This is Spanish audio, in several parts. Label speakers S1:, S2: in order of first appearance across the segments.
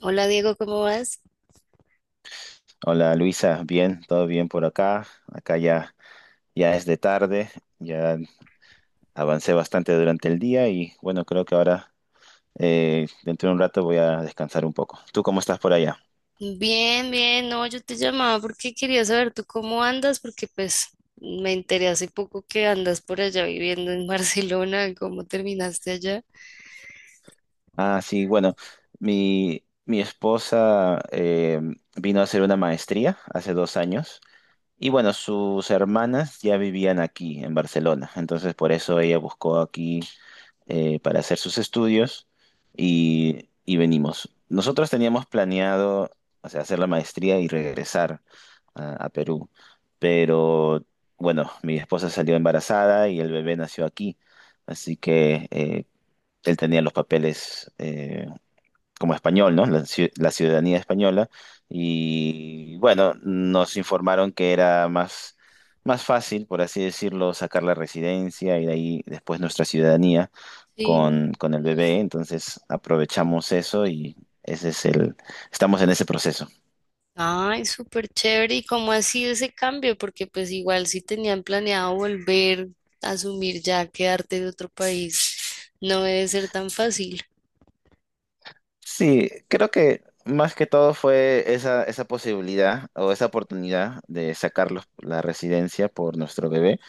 S1: Hola, Diego, ¿cómo vas?
S2: Hola Luisa, bien, todo bien por acá. Acá ya, ya es de tarde, ya avancé bastante durante el día y bueno, creo que ahora dentro de un rato voy a descansar un poco. ¿Tú cómo estás por allá?
S1: Bien, bien, no, yo te llamaba porque quería saber tú cómo andas, porque pues me enteré hace poco que andas por allá viviendo en Barcelona. ¿Cómo terminaste allá?
S2: Ah, sí, bueno, mi esposa vino a hacer una maestría hace 2 años y bueno, sus hermanas ya vivían aquí en Barcelona, entonces por eso ella buscó aquí para hacer sus estudios y venimos. Nosotros teníamos planeado, o sea, hacer la maestría y regresar a Perú, pero bueno, mi esposa salió embarazada y el bebé nació aquí, así que él tenía los papeles, como español, ¿no? La ciudadanía española. Y bueno, nos informaron que era más fácil, por así decirlo, sacar la residencia y de ahí después nuestra ciudadanía
S1: Sí.
S2: con el bebé. Entonces aprovechamos eso y ese es el, estamos en ese proceso.
S1: Ay, súper chévere, ¿y cómo ha sido ese cambio? Porque pues igual si tenían planeado volver a asumir ya quedarte de otro país, no debe ser tan fácil.
S2: Sí, creo que más que todo fue esa posibilidad o esa oportunidad de sacar la residencia por nuestro bebé,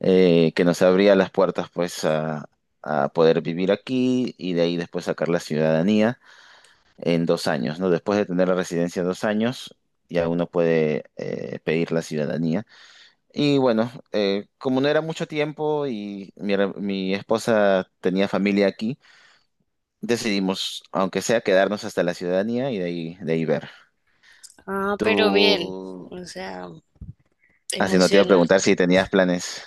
S2: que nos abría las puertas pues a poder vivir aquí y de ahí después sacar la ciudadanía en 2 años, ¿no? Después de tener la residencia 2 años, ya uno puede pedir la ciudadanía. Y bueno, como no era mucho tiempo y mi esposa tenía familia aquí, decidimos, aunque sea, quedarnos hasta la ciudadanía y de ahí ver.
S1: Ah,
S2: Tú,
S1: pero bien, o sea,
S2: así no te iba a preguntar si tenías planes.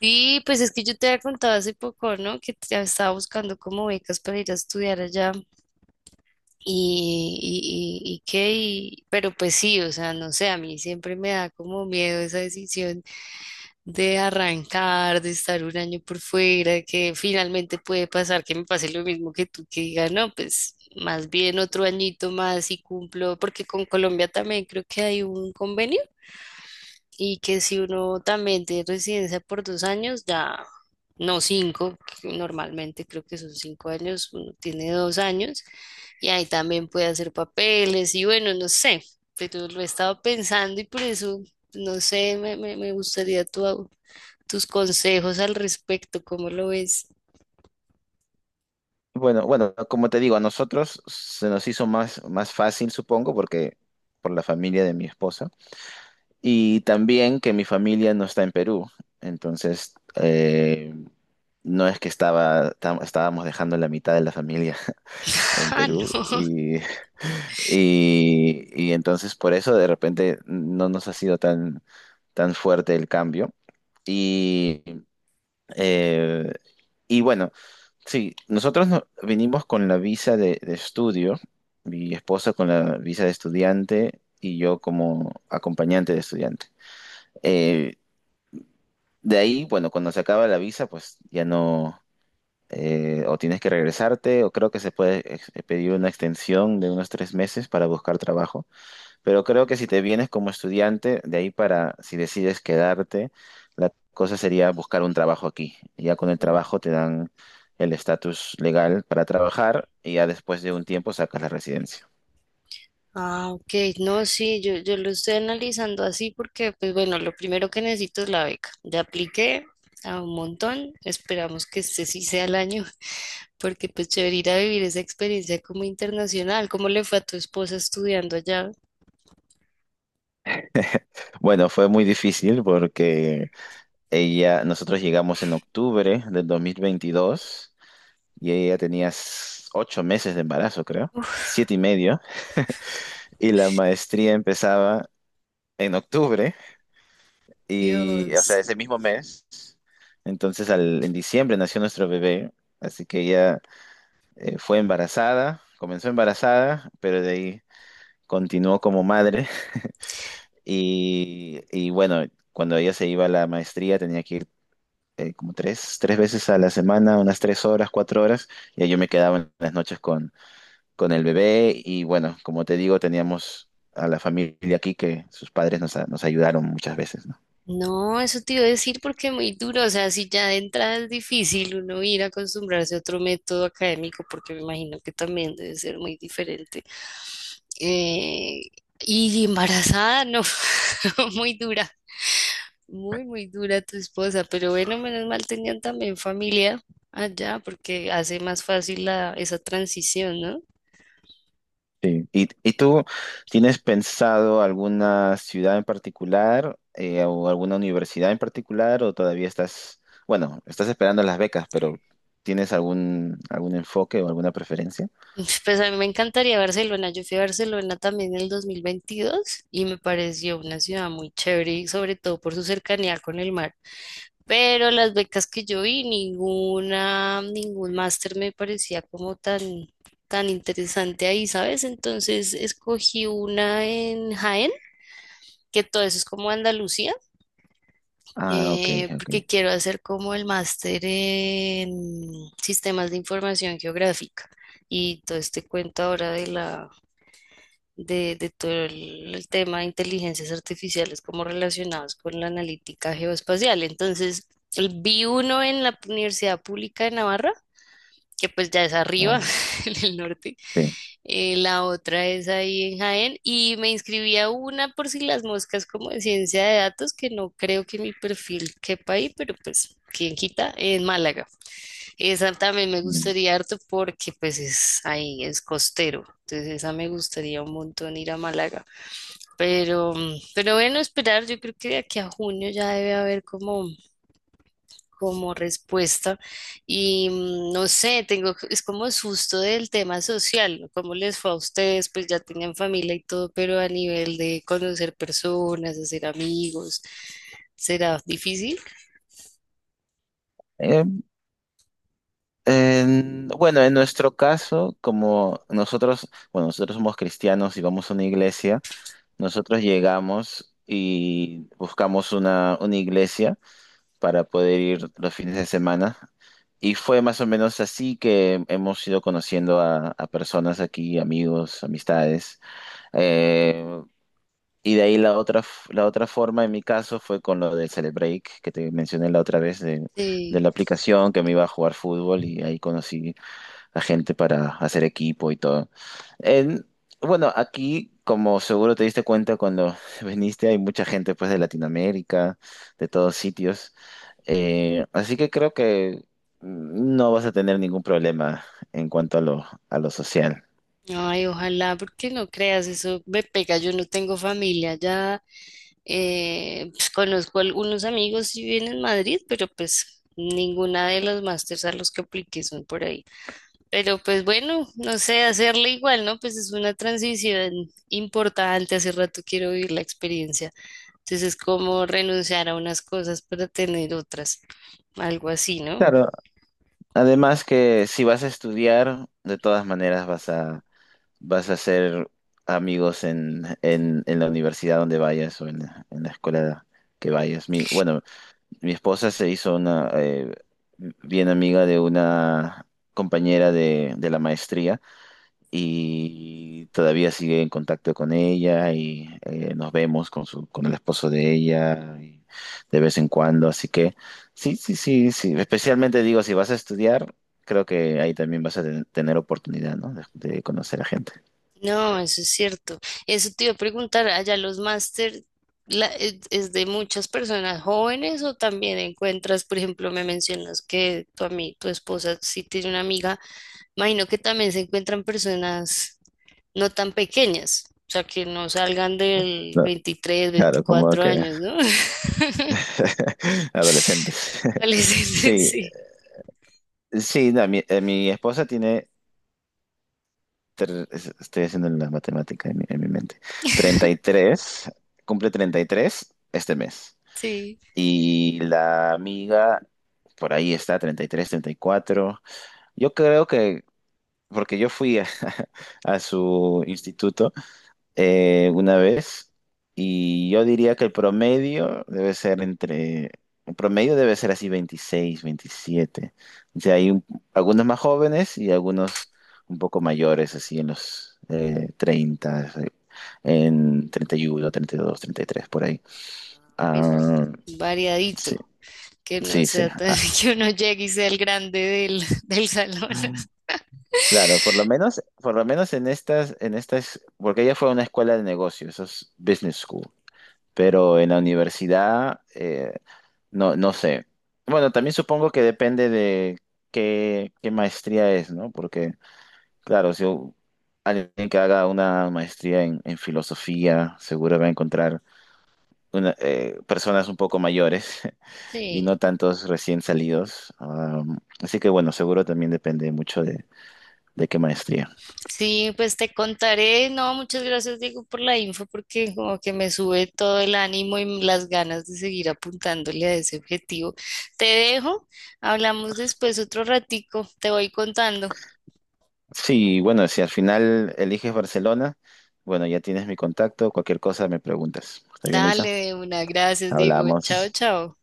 S1: sí, pues es que yo te había contado hace poco, ¿no? Estaba buscando como becas para ir a estudiar allá y pero pues sí, o sea, no sé, a mí siempre me da como miedo esa decisión de arrancar, de estar un año por fuera, que finalmente puede pasar que me pase lo mismo que tú, que diga, no, pues más bien otro añito más y cumplo, porque con Colombia también creo que hay un convenio y que si uno también tiene residencia por 2 años, ya no cinco, que normalmente creo que son 5 años, uno tiene 2 años y ahí también puede hacer papeles y bueno, no sé, pero lo he estado pensando y por eso, no sé, me gustaría tu, tus consejos al respecto. ¿Cómo lo ves?
S2: Bueno, bueno, como te digo, a nosotros se nos hizo más fácil, supongo, porque por la familia de mi esposa. Y también que mi familia no está en Perú. Entonces, no es que estábamos dejando la mitad de la familia en
S1: Ah,
S2: Perú. Y entonces por eso de repente no nos ha sido tan fuerte el cambio. Y, eh, y bueno. Sí, nosotros venimos con la visa de estudio, mi esposa con la visa de estudiante y yo como acompañante de estudiante. Eh, de ahí, bueno, cuando se acaba la visa, pues ya no, o tienes que regresarte, o creo que se puede pedir una extensión de unos 3 meses para buscar trabajo. Pero creo que si te vienes como estudiante, si decides quedarte, la cosa sería buscar un trabajo aquí. Ya con el
S1: no.
S2: trabajo te dan el estatus legal para trabajar y ya después de un tiempo sacas la residencia.
S1: Ah, ok, no, sí, yo lo estoy analizando así porque, pues bueno, lo primero que necesito es la beca. Ya apliqué a un montón, esperamos que este sí sea el año. Porque pues chévere ir a vivir esa experiencia como internacional. ¿Cómo le fue a tu esposa estudiando allá?
S2: Bueno, fue muy difícil porque ella, nosotros llegamos en octubre del 2022 y ella tenía 8 meses de embarazo, creo, siete y medio, y la maestría empezaba en octubre y, o sea,
S1: Dios.
S2: ese mismo mes. Entonces, en diciembre nació nuestro bebé, así que ella fue embarazada, comenzó embarazada, pero de ahí continuó como madre. Y bueno, cuando ella se iba a la maestría tenía que ir como tres veces a la semana, unas 3 horas, 4 horas, y ahí yo me quedaba en las noches con el bebé. Y bueno, como te digo, teníamos a la familia aquí que sus padres nos ayudaron muchas veces, ¿no?
S1: No, eso te iba a decir porque es muy duro, o sea, si ya de entrada es difícil uno ir a acostumbrarse a otro método académico, porque me imagino que también debe ser muy diferente. Eh, y embarazada, no, muy dura, muy dura tu esposa, pero bueno, menos mal tenían también familia allá, porque hace más fácil la, esa transición, ¿no?
S2: Sí. ¿Y tú tienes pensado alguna ciudad en particular, o alguna universidad en particular, o todavía estás, bueno, estás esperando las becas, pero tienes algún enfoque o alguna preferencia?
S1: Pues a mí me encantaría Barcelona. Yo fui a Barcelona también en el 2022 y me pareció una ciudad muy chévere, y sobre todo por su cercanía con el mar. Pero las becas que yo vi, ninguna, ningún máster me parecía como tan, tan interesante ahí, ¿sabes? Entonces escogí una en Jaén, que todo eso es como Andalucía,
S2: Ah, ok, ok.
S1: porque quiero hacer como el máster en sistemas de información geográfica y todo este cuento ahora de todo el tema de inteligencias artificiales como relacionados con la analítica geoespacial. Entonces, vi uno en la Universidad Pública de Navarra, que pues ya es
S2: Ah,
S1: arriba,
S2: ya.
S1: en el norte.
S2: Sí.
S1: La otra es ahí en Jaén. Y me inscribí a una por si las moscas como de ciencia de datos, que no creo que mi perfil quepa ahí, pero pues... ¿Quién quita? En Málaga. Esa también me
S2: Mm.
S1: gustaría harto porque pues es ahí, es costero. Entonces esa me gustaría un montón ir a Málaga. Pero, pero bueno, esperar, yo creo que de aquí a junio ya debe haber como, como respuesta. Y no sé, tengo, es como susto del tema social, ¿no? ¿Cómo les fue a ustedes? Pues ya tenían familia y todo, pero a nivel de conocer personas, hacer amigos, ¿será difícil?
S2: Eh, bueno, en nuestro caso, como nosotros, bueno, nosotros somos cristianos y vamos a una iglesia, nosotros llegamos y buscamos una iglesia para poder ir los fines de semana. Y fue más o menos así que hemos ido conociendo a personas aquí, amigos, amistades. Eh, y de ahí la otra forma, en mi caso, fue con lo del Celebreak, que te mencioné la otra vez, de
S1: Sí.
S2: la aplicación que me iba a jugar fútbol y ahí conocí a gente para hacer equipo y todo. En- bueno, aquí, como seguro te diste cuenta cuando viniste, hay mucha gente pues de Latinoamérica, de todos sitios. Así que creo que no vas a tener ningún problema en cuanto a lo social.
S1: Ay, ojalá, porque no creas, eso me pega, yo no tengo familia ya. Pues, conozco algunos amigos y viven en Madrid, pero pues ninguna de los másters a los que apliqué son por ahí. Pero pues bueno, no sé, hacerle igual, ¿no? Pues es una transición importante. Hace rato quiero vivir la experiencia. Entonces es como renunciar a unas cosas para tener otras, algo así, ¿no?
S2: Claro, además que si vas a estudiar, de todas maneras vas a hacer amigos en la universidad donde vayas o en la escuela que vayas. Mi, bueno, mi esposa se hizo una bien amiga de una compañera de la maestría y todavía sigue en contacto con ella y nos vemos con el esposo de ella y de vez en cuando. Así que sí, sí, sí, sí. Especialmente digo, si vas a estudiar, creo que ahí también vas a tener oportunidad, ¿no? De conocer a gente.
S1: No, eso es cierto. Eso te iba a preguntar, allá los máster es de muchas personas jóvenes o también encuentras, por ejemplo, me mencionas que tu esposa sí tiene una amiga, imagino que también se encuentran personas no tan pequeñas, o sea, que no salgan del
S2: No,
S1: 23,
S2: claro, como
S1: 24
S2: que
S1: años, ¿no?
S2: adolescentes.
S1: Adolescentes,
S2: Sí,
S1: sí,
S2: sí, no, mi esposa tiene estoy haciendo la matemática en mi mente. 33, cumple 33 este mes.
S1: sí. Sí.
S2: Y la amiga, por ahí está, treinta y tres, 34. Yo creo que, porque yo fui a, a su instituto una vez y yo diría que el promedio debe ser así 26, 27. O sea, hay algunos más jóvenes y algunos un poco mayores, así en los 30, en 31, 32, 33 por ahí.
S1: Bueno,
S2: Ah, sí,
S1: variadito, que no
S2: sí, sí.
S1: sea tan,
S2: Ah,
S1: que uno llegue y sea el grande del, del salón.
S2: claro, por lo menos en estas, porque ella fue a una escuela de negocios, eso es business school, pero en la universidad, no, no sé. Bueno, también supongo que depende de qué maestría es, ¿no? Porque, claro, si alguien que haga una maestría en filosofía, seguro va a encontrar personas un poco mayores y
S1: Sí.
S2: no tantos recién salidos. Así que, bueno, seguro también depende mucho de qué maestría.
S1: Sí, pues te contaré. No, muchas gracias, Diego, por la info, porque como que me sube todo el ánimo y las ganas de seguir apuntándole a ese objetivo. Te dejo, hablamos después otro ratico, te voy contando.
S2: Sí, bueno, si al final eliges Barcelona, bueno, ya tienes mi contacto, cualquier cosa me preguntas. ¿Está bien,
S1: Dale,
S2: Luisa?
S1: de una, gracias, Diego. Chao,
S2: Hablamos.
S1: chao.